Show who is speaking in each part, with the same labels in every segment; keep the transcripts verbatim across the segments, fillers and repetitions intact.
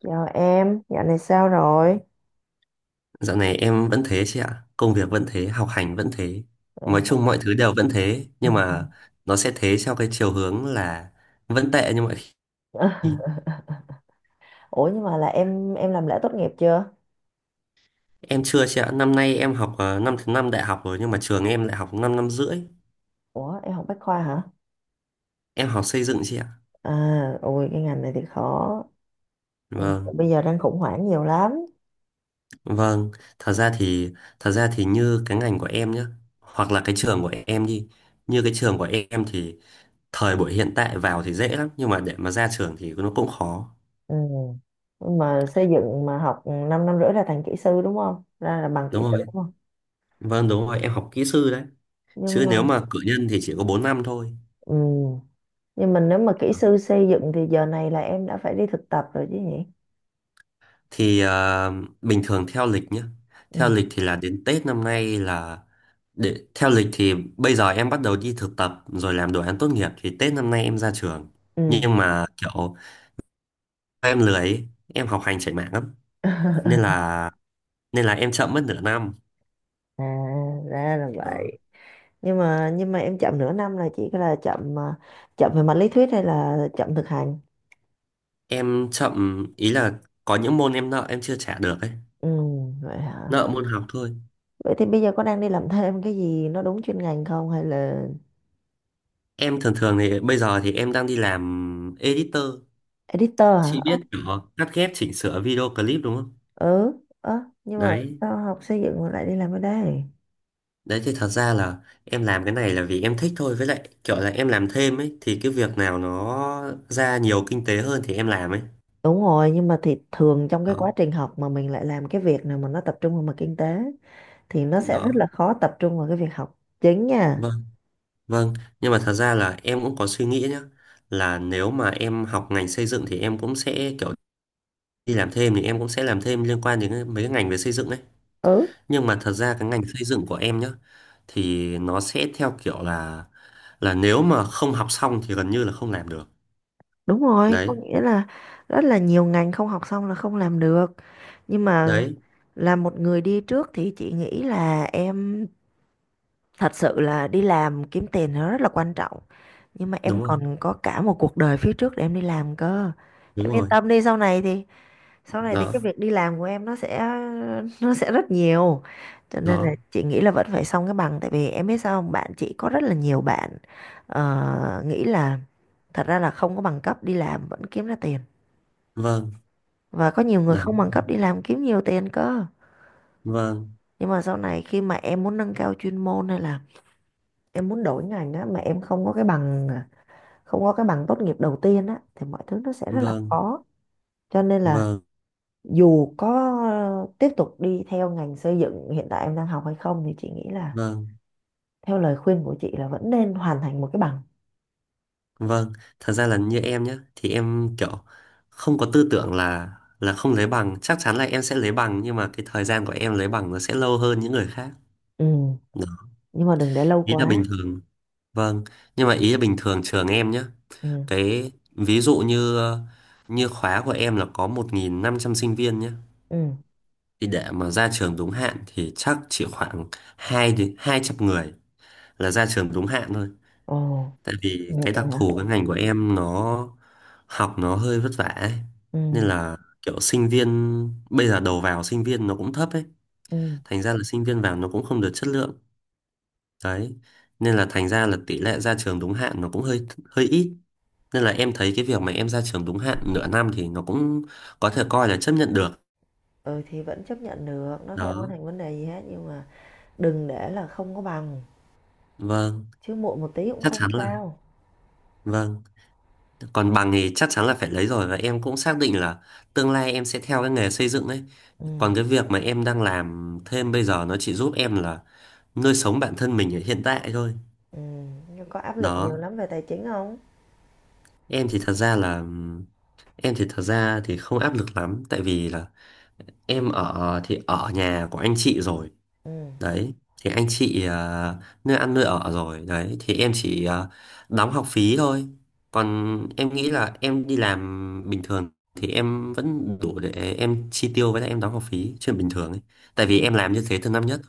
Speaker 1: Chào em, dạo này sao rồi?
Speaker 2: Dạo này em vẫn thế chị ạ, công việc vẫn thế, học hành vẫn thế. Nói chung mọi thứ đều vẫn thế, nhưng mà nó sẽ thế theo cái chiều hướng là vẫn tệ như mọi khi.
Speaker 1: Ủa nhưng mà là em em làm lễ tốt nghiệp chưa?
Speaker 2: Em chưa chị ạ, năm nay em học ờ, năm thứ năm đại học rồi, nhưng mà trường em lại học 5 năm năm rưỡi.
Speaker 1: Ủa em học Bách khoa hả?
Speaker 2: Em học xây dựng chị ạ.
Speaker 1: À, ôi cái ngành này thì khó. Ngành
Speaker 2: Vâng,
Speaker 1: Bây giờ đang khủng hoảng nhiều lắm.
Speaker 2: vâng. Thật ra thì thật ra thì như cái ngành của em nhá, hoặc là cái trường của em đi. Như cái trường của em thì thời buổi hiện tại vào thì dễ lắm, nhưng mà để mà ra trường thì nó cũng khó.
Speaker 1: Ừ. Nhưng Mà xây dựng mà học 5 năm năm rưỡi là thành kỹ sư đúng không? Ra là bằng kỹ
Speaker 2: Đúng
Speaker 1: sư
Speaker 2: rồi.
Speaker 1: đúng không?
Speaker 2: Vâng, đúng rồi, em học kỹ sư đấy,
Speaker 1: Nhưng
Speaker 2: chứ
Speaker 1: mà
Speaker 2: nếu mà cử nhân thì chỉ có bốn năm thôi.
Speaker 1: ừ. Nhưng mà nếu mà kỹ sư xây dựng thì giờ này là em đã phải đi thực tập rồi chứ nhỉ?
Speaker 2: thì ờ, Bình thường theo lịch nhé, theo
Speaker 1: Ừ.
Speaker 2: lịch thì là đến Tết năm nay là, để theo lịch thì bây giờ em bắt đầu đi thực tập rồi làm đồ án tốt nghiệp thì Tết năm nay em ra trường,
Speaker 1: Ừ.
Speaker 2: nhưng mà kiểu em lười ấy, em học hành chảy mạng lắm, nên là nên là em chậm mất nửa năm.
Speaker 1: À, ra là
Speaker 2: Đó.
Speaker 1: vậy. Nhưng mà nhưng mà em chậm nửa năm là chỉ là chậm à, chậm về mặt lý thuyết hay là chậm thực hành?
Speaker 2: Em chậm ý là có những môn em nợ em chưa trả được ấy,
Speaker 1: Ừ, vậy hả?
Speaker 2: nợ môn học thôi.
Speaker 1: Vậy thì bây giờ có đang đi làm thêm cái gì nó đúng chuyên ngành không hay là
Speaker 2: Em thường thường thì bây giờ thì em đang đi làm editor.
Speaker 1: editor hả?
Speaker 2: Chị
Speaker 1: Ơ,
Speaker 2: biết nhỏ cắt ghép chỉnh sửa video clip đúng không?
Speaker 1: ừ. Ơ, nhưng mà
Speaker 2: Đấy,
Speaker 1: sao học xây dựng mà lại đi làm ở đây?
Speaker 2: đấy thì thật ra là em làm cái này là vì em thích thôi, với lại kiểu là em làm thêm ấy thì cái việc nào nó ra nhiều kinh tế hơn thì em làm ấy.
Speaker 1: Đúng rồi, nhưng mà thì thường trong cái quá
Speaker 2: Đó.
Speaker 1: trình học mà mình lại làm cái việc nào mà nó tập trung vào mặt kinh tế thì nó sẽ rất
Speaker 2: Đó.
Speaker 1: là khó tập trung vào cái việc học chính nha.
Speaker 2: Vâng, vâng, nhưng mà thật ra là em cũng có suy nghĩ nhá, là nếu mà em học ngành xây dựng thì em cũng sẽ kiểu đi làm thêm thì em cũng sẽ làm thêm liên quan đến cái- mấy cái ngành về xây dựng ấy.
Speaker 1: Ừ.
Speaker 2: Nhưng mà thật ra cái ngành xây dựng của em nhá thì nó sẽ theo kiểu là là nếu mà không học xong thì gần như là không làm được.
Speaker 1: Đúng rồi, có
Speaker 2: Đấy,
Speaker 1: nghĩa là rất là nhiều ngành không học xong là không làm được. Nhưng mà
Speaker 2: đấy,
Speaker 1: là một người đi trước thì chị nghĩ là em thật sự là đi làm kiếm tiền nó rất là quan trọng. Nhưng mà em
Speaker 2: đúng rồi,
Speaker 1: còn có cả một cuộc đời phía trước để em đi làm cơ.
Speaker 2: đúng
Speaker 1: Em yên
Speaker 2: rồi.
Speaker 1: tâm đi, sau này thì sau này thì
Speaker 2: Đó,
Speaker 1: cái việc đi làm của em nó sẽ nó sẽ rất nhiều. Cho nên là
Speaker 2: đó.
Speaker 1: chị nghĩ là vẫn phải xong cái bằng, tại vì em biết sao không? Bạn chị có rất là nhiều bạn ờ, nghĩ là thật ra là không có bằng cấp đi làm vẫn kiếm ra tiền.
Speaker 2: Vâng,
Speaker 1: Và có nhiều người
Speaker 2: đó.
Speaker 1: không bằng cấp đi làm kiếm nhiều tiền cơ.
Speaker 2: Vâng,
Speaker 1: Nhưng mà sau này khi mà em muốn nâng cao chuyên môn hay là em muốn đổi ngành á, mà em không có cái bằng à, không có cái bằng tốt nghiệp đầu tiên á, thì mọi thứ nó sẽ rất là
Speaker 2: vâng,
Speaker 1: khó. Cho nên là
Speaker 2: vâng,
Speaker 1: dù có ờ, tiếp tục đi theo ngành xây dựng hiện tại em đang học hay không, thì chị nghĩ là
Speaker 2: vâng,
Speaker 1: theo lời khuyên của chị là vẫn nên hoàn thành một cái bằng.
Speaker 2: vâng. Thật ra là như em nhá thì em kiểu không có tư tưởng là là không lấy bằng, chắc chắn là em sẽ lấy bằng nhưng mà cái thời gian của em lấy bằng nó sẽ lâu hơn những người khác.
Speaker 1: Ừ,
Speaker 2: Đó.
Speaker 1: nhưng mà đừng để lâu
Speaker 2: Ý là bình
Speaker 1: quá.
Speaker 2: thường, vâng, nhưng mà ý là bình thường trường em nhé.
Speaker 1: Ừ.
Speaker 2: Cái ví dụ như ờ, như khóa của em là có một nghìn năm trăm sinh viên nhé.
Speaker 1: Ừ.
Speaker 2: Thì để mà ra trường đúng hạn thì chắc chỉ khoảng hai đến hai trăm người là ra trường đúng hạn thôi.
Speaker 1: Ồ,
Speaker 2: Tại vì
Speaker 1: được
Speaker 2: cái đặc
Speaker 1: rồi hả?
Speaker 2: thù cái ngành của em nó học nó hơi vất vả ấy. Nên
Speaker 1: Ừ.
Speaker 2: là kiểu sinh viên bây giờ đầu vào sinh viên nó cũng thấp ấy.
Speaker 1: Ừ.
Speaker 2: Thành ra là sinh viên vào nó cũng không được chất lượng. Đấy. Nên là thành ra là tỷ lệ ra trường đúng hạn nó cũng hơi hơi ít. Nên là em thấy cái việc mà em ra trường đúng hạn nửa năm thì nó cũng có thể coi là chấp nhận được.
Speaker 1: Ừ thì vẫn chấp nhận được, nó không có
Speaker 2: Đó.
Speaker 1: thành vấn đề gì hết, nhưng mà đừng để là không có bằng,
Speaker 2: Vâng,
Speaker 1: chứ muộn một tí cũng
Speaker 2: chắc
Speaker 1: không
Speaker 2: chắn là,
Speaker 1: sao.
Speaker 2: vâng. Còn bằng thì chắc chắn là phải lấy rồi và em cũng xác định là tương lai em sẽ theo cái nghề xây dựng ấy.
Speaker 1: Ừ,
Speaker 2: Còn cái việc mà em đang làm thêm bây giờ nó chỉ giúp em là nuôi sống bản thân mình ở hiện tại thôi.
Speaker 1: ừm, nhưng có áp lực nhiều
Speaker 2: Đó,
Speaker 1: lắm về tài chính không?
Speaker 2: em thì thật ra là em thì thật ra thì không áp lực lắm tại vì là em ở thì ở nhà của anh chị rồi,
Speaker 1: Ừ,
Speaker 2: đấy thì anh chị ờ, nơi ăn nơi ở rồi, đấy thì em chỉ ờ, đóng học phí thôi, còn em nghĩ là em đi làm bình thường thì em vẫn đủ để em chi tiêu với lại em đóng học phí chuyện bình thường ấy, tại vì
Speaker 1: ừ,
Speaker 2: em làm như thế từ năm nhất,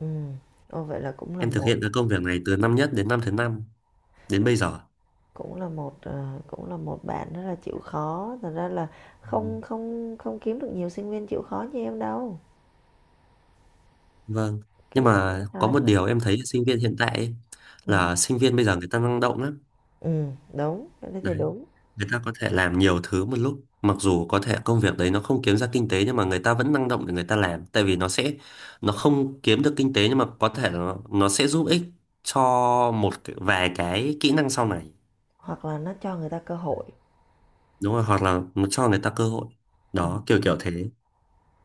Speaker 1: ừm. Ô, vậy là cũng là
Speaker 2: em thực
Speaker 1: một,
Speaker 2: hiện cái công việc này từ năm nhất đến năm thứ năm đến bây giờ.
Speaker 1: cũng là một, ờ, cũng là một bạn rất là chịu khó. Thật ra là
Speaker 2: Ừ,
Speaker 1: không không không kiếm được nhiều sinh viên chịu khó như em đâu.
Speaker 2: vâng,
Speaker 1: Cái
Speaker 2: nhưng
Speaker 1: này chị
Speaker 2: mà
Speaker 1: nói
Speaker 2: có
Speaker 1: thật.
Speaker 2: một điều em thấy sinh viên hiện tại ấy,
Speaker 1: Ừ,
Speaker 2: là sinh viên bây giờ người ta năng động lắm,
Speaker 1: ừm, đúng, cái đấy thì đúng.
Speaker 2: người ta có thể làm nhiều thứ một lúc mặc dù có thể công việc đấy nó không kiếm ra kinh tế nhưng mà người ta vẫn năng động để người ta làm, tại vì nó sẽ, nó không kiếm được kinh tế nhưng mà có thể nó, nó sẽ giúp ích cho một cái- vài cái kỹ năng sau này.
Speaker 1: Hoặc là nó cho người ta cơ hội,
Speaker 2: Đúng rồi, hoặc là nó cho người ta cơ hội,
Speaker 1: ừm,
Speaker 2: đó kiểu kiểu thế, nên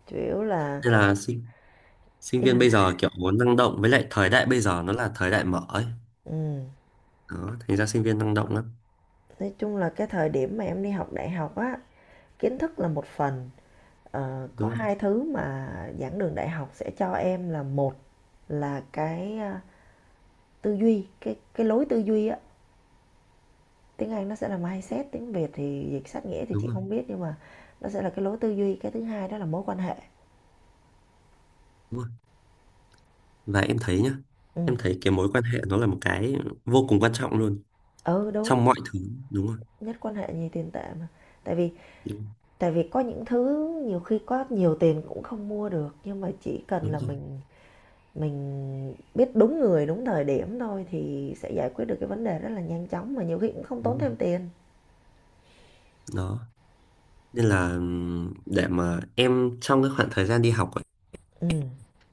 Speaker 1: chủ yếu là
Speaker 2: là sinh sinh
Speaker 1: ý là,
Speaker 2: viên bây giờ kiểu muốn năng động với lại thời đại bây giờ nó là thời đại mở ấy,
Speaker 1: ừm,
Speaker 2: đó thành ra sinh viên năng động lắm.
Speaker 1: nói chung là cái thời điểm mà em đi học đại học á, kiến thức là một phần. Ờ, có
Speaker 2: Đúng không?
Speaker 1: hai thứ mà giảng đường đại học sẽ cho em là: một là cái, à, tư duy, cái cái lối tư duy á, tiếng Anh nó sẽ là mindset, tiếng Việt thì dịch sát nghĩa thì
Speaker 2: Đúng
Speaker 1: chị
Speaker 2: rồi,
Speaker 1: không biết, nhưng mà nó sẽ là cái lối tư duy; cái thứ hai đó là mối quan hệ.
Speaker 2: đúng rồi, và em thấy nhá,
Speaker 1: Ừ.
Speaker 2: em thấy cái mối quan hệ nó là một cái vô cùng quan trọng luôn
Speaker 1: Ừ, đúng.
Speaker 2: trong mọi thứ, đúng rồi,
Speaker 1: Nhất quan hệ nhì tiền tệ mà. tại vì
Speaker 2: đúng,
Speaker 1: tại vì có những thứ nhiều khi có nhiều tiền cũng không mua được, nhưng mà chỉ cần
Speaker 2: đúng
Speaker 1: là
Speaker 2: rồi,
Speaker 1: mình mình biết đúng người đúng thời điểm thôi thì sẽ giải quyết được cái vấn đề rất là nhanh chóng, mà nhiều khi cũng không
Speaker 2: đúng
Speaker 1: tốn
Speaker 2: rồi.
Speaker 1: thêm tiền.
Speaker 2: Đó nên là, ừm, để mà em trong cái khoảng thời gian đi học ấy,
Speaker 1: Ừ.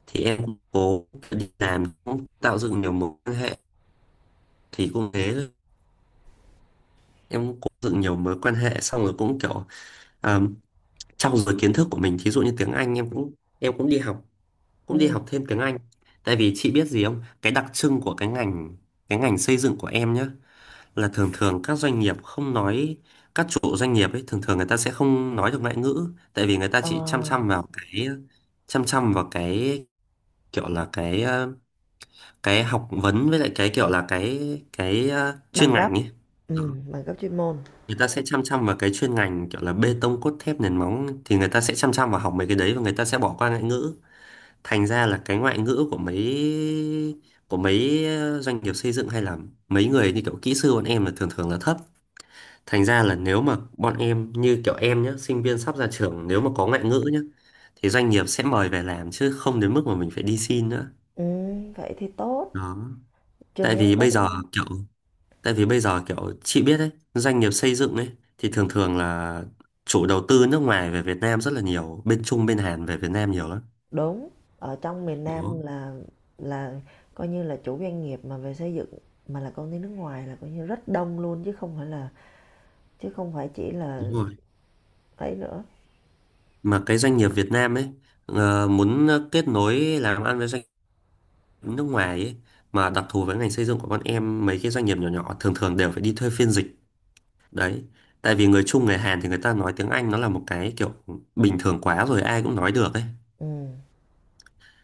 Speaker 2: thì em cũng cố đi làm cũng tạo dựng nhiều mối quan hệ thì cũng thế thôi. Em cũng cố dựng nhiều mối quan hệ xong rồi cũng kiểu um, trau dồi kiến thức của mình, thí dụ như tiếng Anh em cũng, em cũng đi học, cũng đi
Speaker 1: Ừm,
Speaker 2: học thêm tiếng Anh. Tại vì chị biết gì không, cái đặc trưng của cái ngành cái ngành xây dựng của em nhá là thường thường các doanh nghiệp không nói, các chủ doanh nghiệp ấy thường thường người ta sẽ không nói được ngoại ngữ, tại vì người ta
Speaker 1: ờ,
Speaker 2: chỉ chăm chăm vào cái chăm chăm vào cái kiểu là cái ờ, cái học vấn với lại cái kiểu là cái cái ờ, chuyên
Speaker 1: bằng cấp.
Speaker 2: ngành ấy. Đó,
Speaker 1: Ừm, bằng cấp chuyên môn.
Speaker 2: người ta sẽ chăm chăm vào cái chuyên ngành kiểu là bê tông cốt thép nền móng, thì người ta sẽ chăm chăm vào học mấy cái đấy và người ta sẽ bỏ qua ngoại ngữ. Thành ra là cái ngoại ngữ của mấy, của mấy ờ, doanh nghiệp xây dựng hay là mấy người như kiểu kỹ sư bọn em là thường thường là thấp. Thành ra là nếu mà bọn em như kiểu em nhé, sinh viên sắp ra trường nếu mà có ngoại ngữ nhé, thì doanh nghiệp sẽ mời về làm chứ không đến mức mà mình phải đi xin nữa.
Speaker 1: Ừm, vậy thì tốt,
Speaker 2: Đó.
Speaker 1: trường
Speaker 2: Tại
Speaker 1: em
Speaker 2: vì
Speaker 1: có
Speaker 2: bây
Speaker 1: tiếng
Speaker 2: giờ
Speaker 1: Anh.
Speaker 2: kiểu tại vì bây giờ kiểu chị biết đấy, doanh nghiệp xây dựng ấy thì thường thường là chủ đầu tư nước ngoài về Việt Nam rất là nhiều, bên Trung bên Hàn về Việt Nam nhiều lắm.
Speaker 1: Đúng, ở trong miền Nam
Speaker 2: Đó,
Speaker 1: là là coi như là chủ doanh nghiệp mà về xây dựng mà là công ty nước ngoài là coi như rất đông luôn, chứ không phải là chứ không phải chỉ
Speaker 2: đúng
Speaker 1: là
Speaker 2: rồi.
Speaker 1: ấy nữa.
Speaker 2: Mà cái doanh nghiệp Việt Nam ấy ờ, muốn kết nối làm ăn với doanh nghiệp nước ngoài ấy, mà đặc thù với ngành xây dựng của bọn em mấy cái doanh nghiệp nhỏ nhỏ thường thường đều phải đi thuê phiên dịch đấy, tại vì người Trung người Hàn thì người ta nói tiếng Anh nó là một cái kiểu bình thường quá rồi ai cũng nói được ấy.
Speaker 1: Ừm,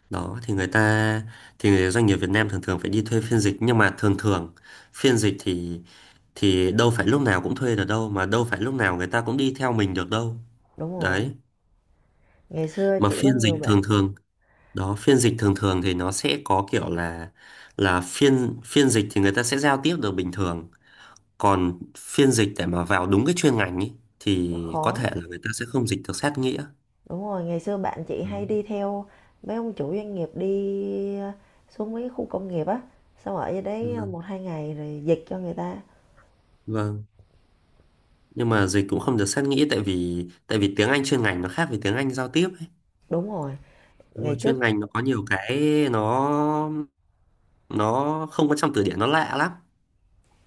Speaker 2: Đó thì người ta, thì người doanh nghiệp Việt Nam thường thường phải đi thuê phiên dịch, nhưng mà thường thường phiên dịch thì thì đâu phải lúc nào cũng thuê được đâu mà đâu phải lúc nào người ta cũng đi theo mình được đâu.
Speaker 1: đúng rồi.
Speaker 2: Đấy,
Speaker 1: Ngày xưa
Speaker 2: mà
Speaker 1: chị có
Speaker 2: phiên dịch
Speaker 1: nhiều
Speaker 2: thường
Speaker 1: bạn.
Speaker 2: thường, đó phiên dịch thường thường thì nó sẽ có kiểu là là phiên phiên dịch thì người ta sẽ giao tiếp được bình thường, còn phiên dịch để mà vào đúng cái chuyên ngành ý,
Speaker 1: Nó
Speaker 2: thì có thể
Speaker 1: khó.
Speaker 2: là người ta sẽ không dịch được sát nghĩa.
Speaker 1: Đúng rồi, ngày xưa bạn chị
Speaker 2: Ừ,
Speaker 1: hay đi theo mấy ông chủ doanh nghiệp đi, ờ, xuống mấy khu công nghiệp á, xong ở dưới đấy ờ,
Speaker 2: vâng,
Speaker 1: một hai ngày rồi dịch cho người ta.
Speaker 2: vâng. Nhưng mà dịch cũng không được sát nghĩa tại vì tại vì tiếng Anh chuyên ngành nó khác với tiếng Anh giao tiếp ấy.
Speaker 1: Đúng rồi,
Speaker 2: Đúng
Speaker 1: ngày
Speaker 2: rồi,
Speaker 1: trước.
Speaker 2: chuyên ngành nó có nhiều cái, nó nó không có trong từ điển nó lạ lắm.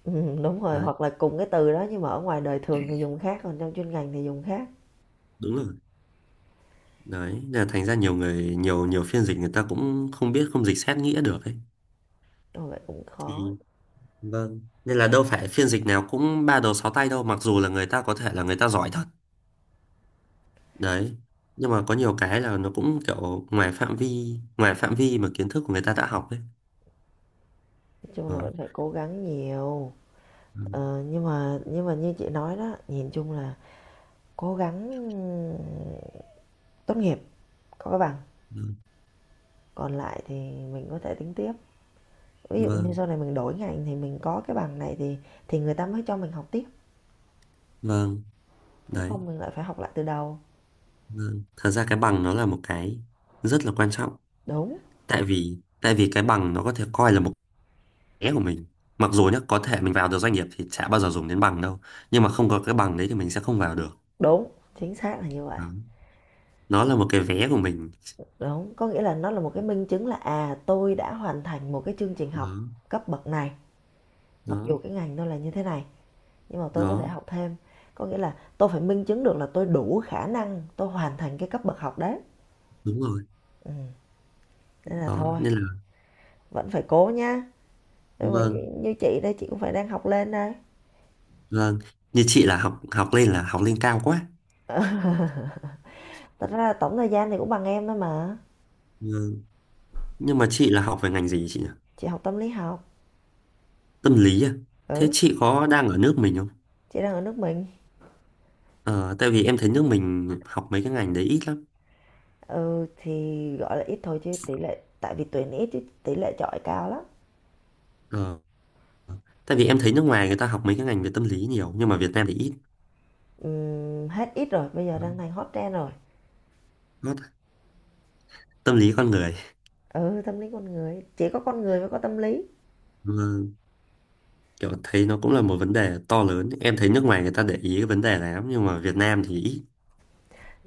Speaker 1: Ừm, đúng rồi,
Speaker 2: Đấy,
Speaker 1: hoặc là cùng cái từ đó nhưng mà ở ngoài đời thường thì dùng khác, còn trong chuyên ngành thì dùng khác.
Speaker 2: đúng rồi, đấy nên là thành ra nhiều người nhiều nhiều phiên dịch người ta cũng không biết, không dịch sát nghĩa được ấy,
Speaker 1: Rồi vậy cũng khó,
Speaker 2: thì vâng, nên là đâu phải phiên dịch nào cũng ba đầu sáu tay đâu, mặc dù là người ta có thể là người ta giỏi thật đấy, nhưng mà có nhiều cái là nó cũng kiểu ngoài phạm vi ngoài phạm vi mà kiến thức của người ta đã học ấy.
Speaker 1: nói chung
Speaker 2: Đó.
Speaker 1: là vẫn phải cố gắng nhiều.
Speaker 2: Ừ,
Speaker 1: Ờ, nhưng mà nhưng mà như chị nói đó, nhìn chung là cố gắng tốt nghiệp, có cái bằng,
Speaker 2: ừ,
Speaker 1: còn lại thì mình có thể tính tiếp. Ví dụ như
Speaker 2: vâng,
Speaker 1: sau này mình đổi ngành thì mình có cái bằng này thì thì người ta mới cho mình học tiếp,
Speaker 2: vâng.
Speaker 1: chứ
Speaker 2: Đấy,
Speaker 1: không mình lại phải học lại từ đầu.
Speaker 2: vâng, thật ra cái bằng nó là một cái rất là quan trọng,
Speaker 1: Đúng,
Speaker 2: tại vì tại vì cái bằng nó có thể coi là một cái của mình, mặc dù nhá có thể mình vào được doanh nghiệp thì chả bao giờ dùng đến bằng đâu nhưng mà không có cái bằng đấy thì mình sẽ không vào được.
Speaker 1: đúng, chính xác là như vậy.
Speaker 2: Đó. Nó là một cái vé của mình.
Speaker 1: Đúng, có nghĩa là nó là một cái minh chứng là, à, tôi đã hoàn thành một cái chương trình
Speaker 2: Đó,
Speaker 1: học cấp bậc này, mặc
Speaker 2: đó,
Speaker 1: dù cái ngành tôi là như thế này, nhưng mà tôi có thể
Speaker 2: đó,
Speaker 1: học thêm. Có nghĩa là tôi phải minh chứng được là tôi đủ khả năng tôi hoàn thành cái cấp bậc học đấy.
Speaker 2: đúng rồi.
Speaker 1: Ừm, Nên là
Speaker 2: Đó
Speaker 1: thôi,
Speaker 2: nên là,
Speaker 1: vẫn phải cố nhá. như,
Speaker 2: vâng,
Speaker 1: như chị đây, chị cũng phải đang học lên đây.
Speaker 2: vâng, như chị là học học lên là học lên cao quá.
Speaker 1: Thật ra là tổng thời gian thì cũng bằng em thôi mà.
Speaker 2: Ừ. Nhưng mà chị là học về ngành gì chị nhỉ?
Speaker 1: Chị học tâm lý học.
Speaker 2: Tâm lý à? Thế
Speaker 1: Ừ,
Speaker 2: chị có đang ở nước mình không?
Speaker 1: chị đang ở nước mình.
Speaker 2: Ờ, tại vì em thấy nước mình học mấy cái ngành đấy ít lắm.
Speaker 1: Ừ, thì gọi là ít thôi chứ tỷ lệ, tại vì tuyển ít chứ tỷ lệ chọi cao lắm.
Speaker 2: Ờ, tại vì em thấy nước ngoài người ta học mấy cái ngành về tâm lý nhiều, nhưng mà Việt Nam thì ít.
Speaker 1: Ừm, hết ít rồi, bây giờ
Speaker 2: Ừ.
Speaker 1: đang thành hot trend rồi.
Speaker 2: Nó- Tâm lý con người.
Speaker 1: Ừ, tâm lý con người, chỉ có con người mới có tâm lý.
Speaker 2: Ừ, kiểu thấy nó cũng là một vấn đề to lớn. Em thấy nước ngoài người ta để ý cái vấn đề này lắm, nhưng mà Việt Nam thì ít.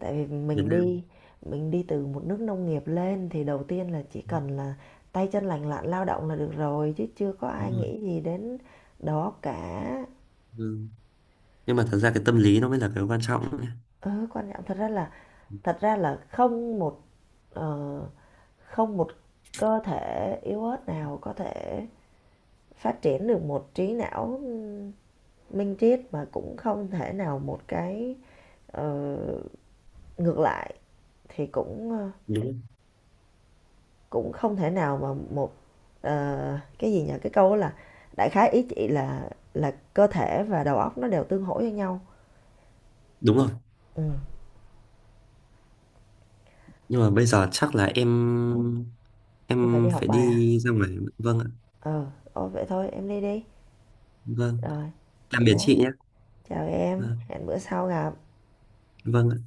Speaker 1: Tại vì
Speaker 2: Việt
Speaker 1: mình
Speaker 2: Nam.
Speaker 1: đi mình đi từ một nước nông nghiệp lên thì đầu tiên là chỉ cần là tay chân lành lặn lao động là được rồi, chứ chưa có
Speaker 2: Đúng
Speaker 1: ai
Speaker 2: rồi.
Speaker 1: nghĩ gì đến đó cả.
Speaker 2: Ừ. Nhưng mà thật ra cái tâm lý nó mới là cái quan trọng ấy.
Speaker 1: Ừ, quan trọng. Thật ra là thật ra là không một, ờ, không một cơ thể yếu ớt nào có thể phát triển được một trí não minh triết, mà cũng không thể nào một cái, ờ, ngược lại thì cũng ờ,
Speaker 2: Đúng.
Speaker 1: cũng không thể nào mà một, ờ, cái gì nhỉ, cái câu đó là, đại khái ý chị là là cơ thể và đầu óc nó đều tương hỗ với nhau.
Speaker 2: Đúng rồi.
Speaker 1: Ừ.
Speaker 2: Nhưng mà bây giờ chắc là em
Speaker 1: Em phải đi
Speaker 2: em
Speaker 1: học
Speaker 2: phải
Speaker 1: bài à?
Speaker 2: đi ra ngoài. Vâng ạ.
Speaker 1: Ờ, ôi vậy thôi em đi đi.
Speaker 2: Vâng,
Speaker 1: Rồi.
Speaker 2: tạm
Speaker 1: Vậy
Speaker 2: biệt chị
Speaker 1: nhé,
Speaker 2: nhé.
Speaker 1: chào em,
Speaker 2: Vâng,
Speaker 1: hẹn bữa sau gặp.
Speaker 2: vâng.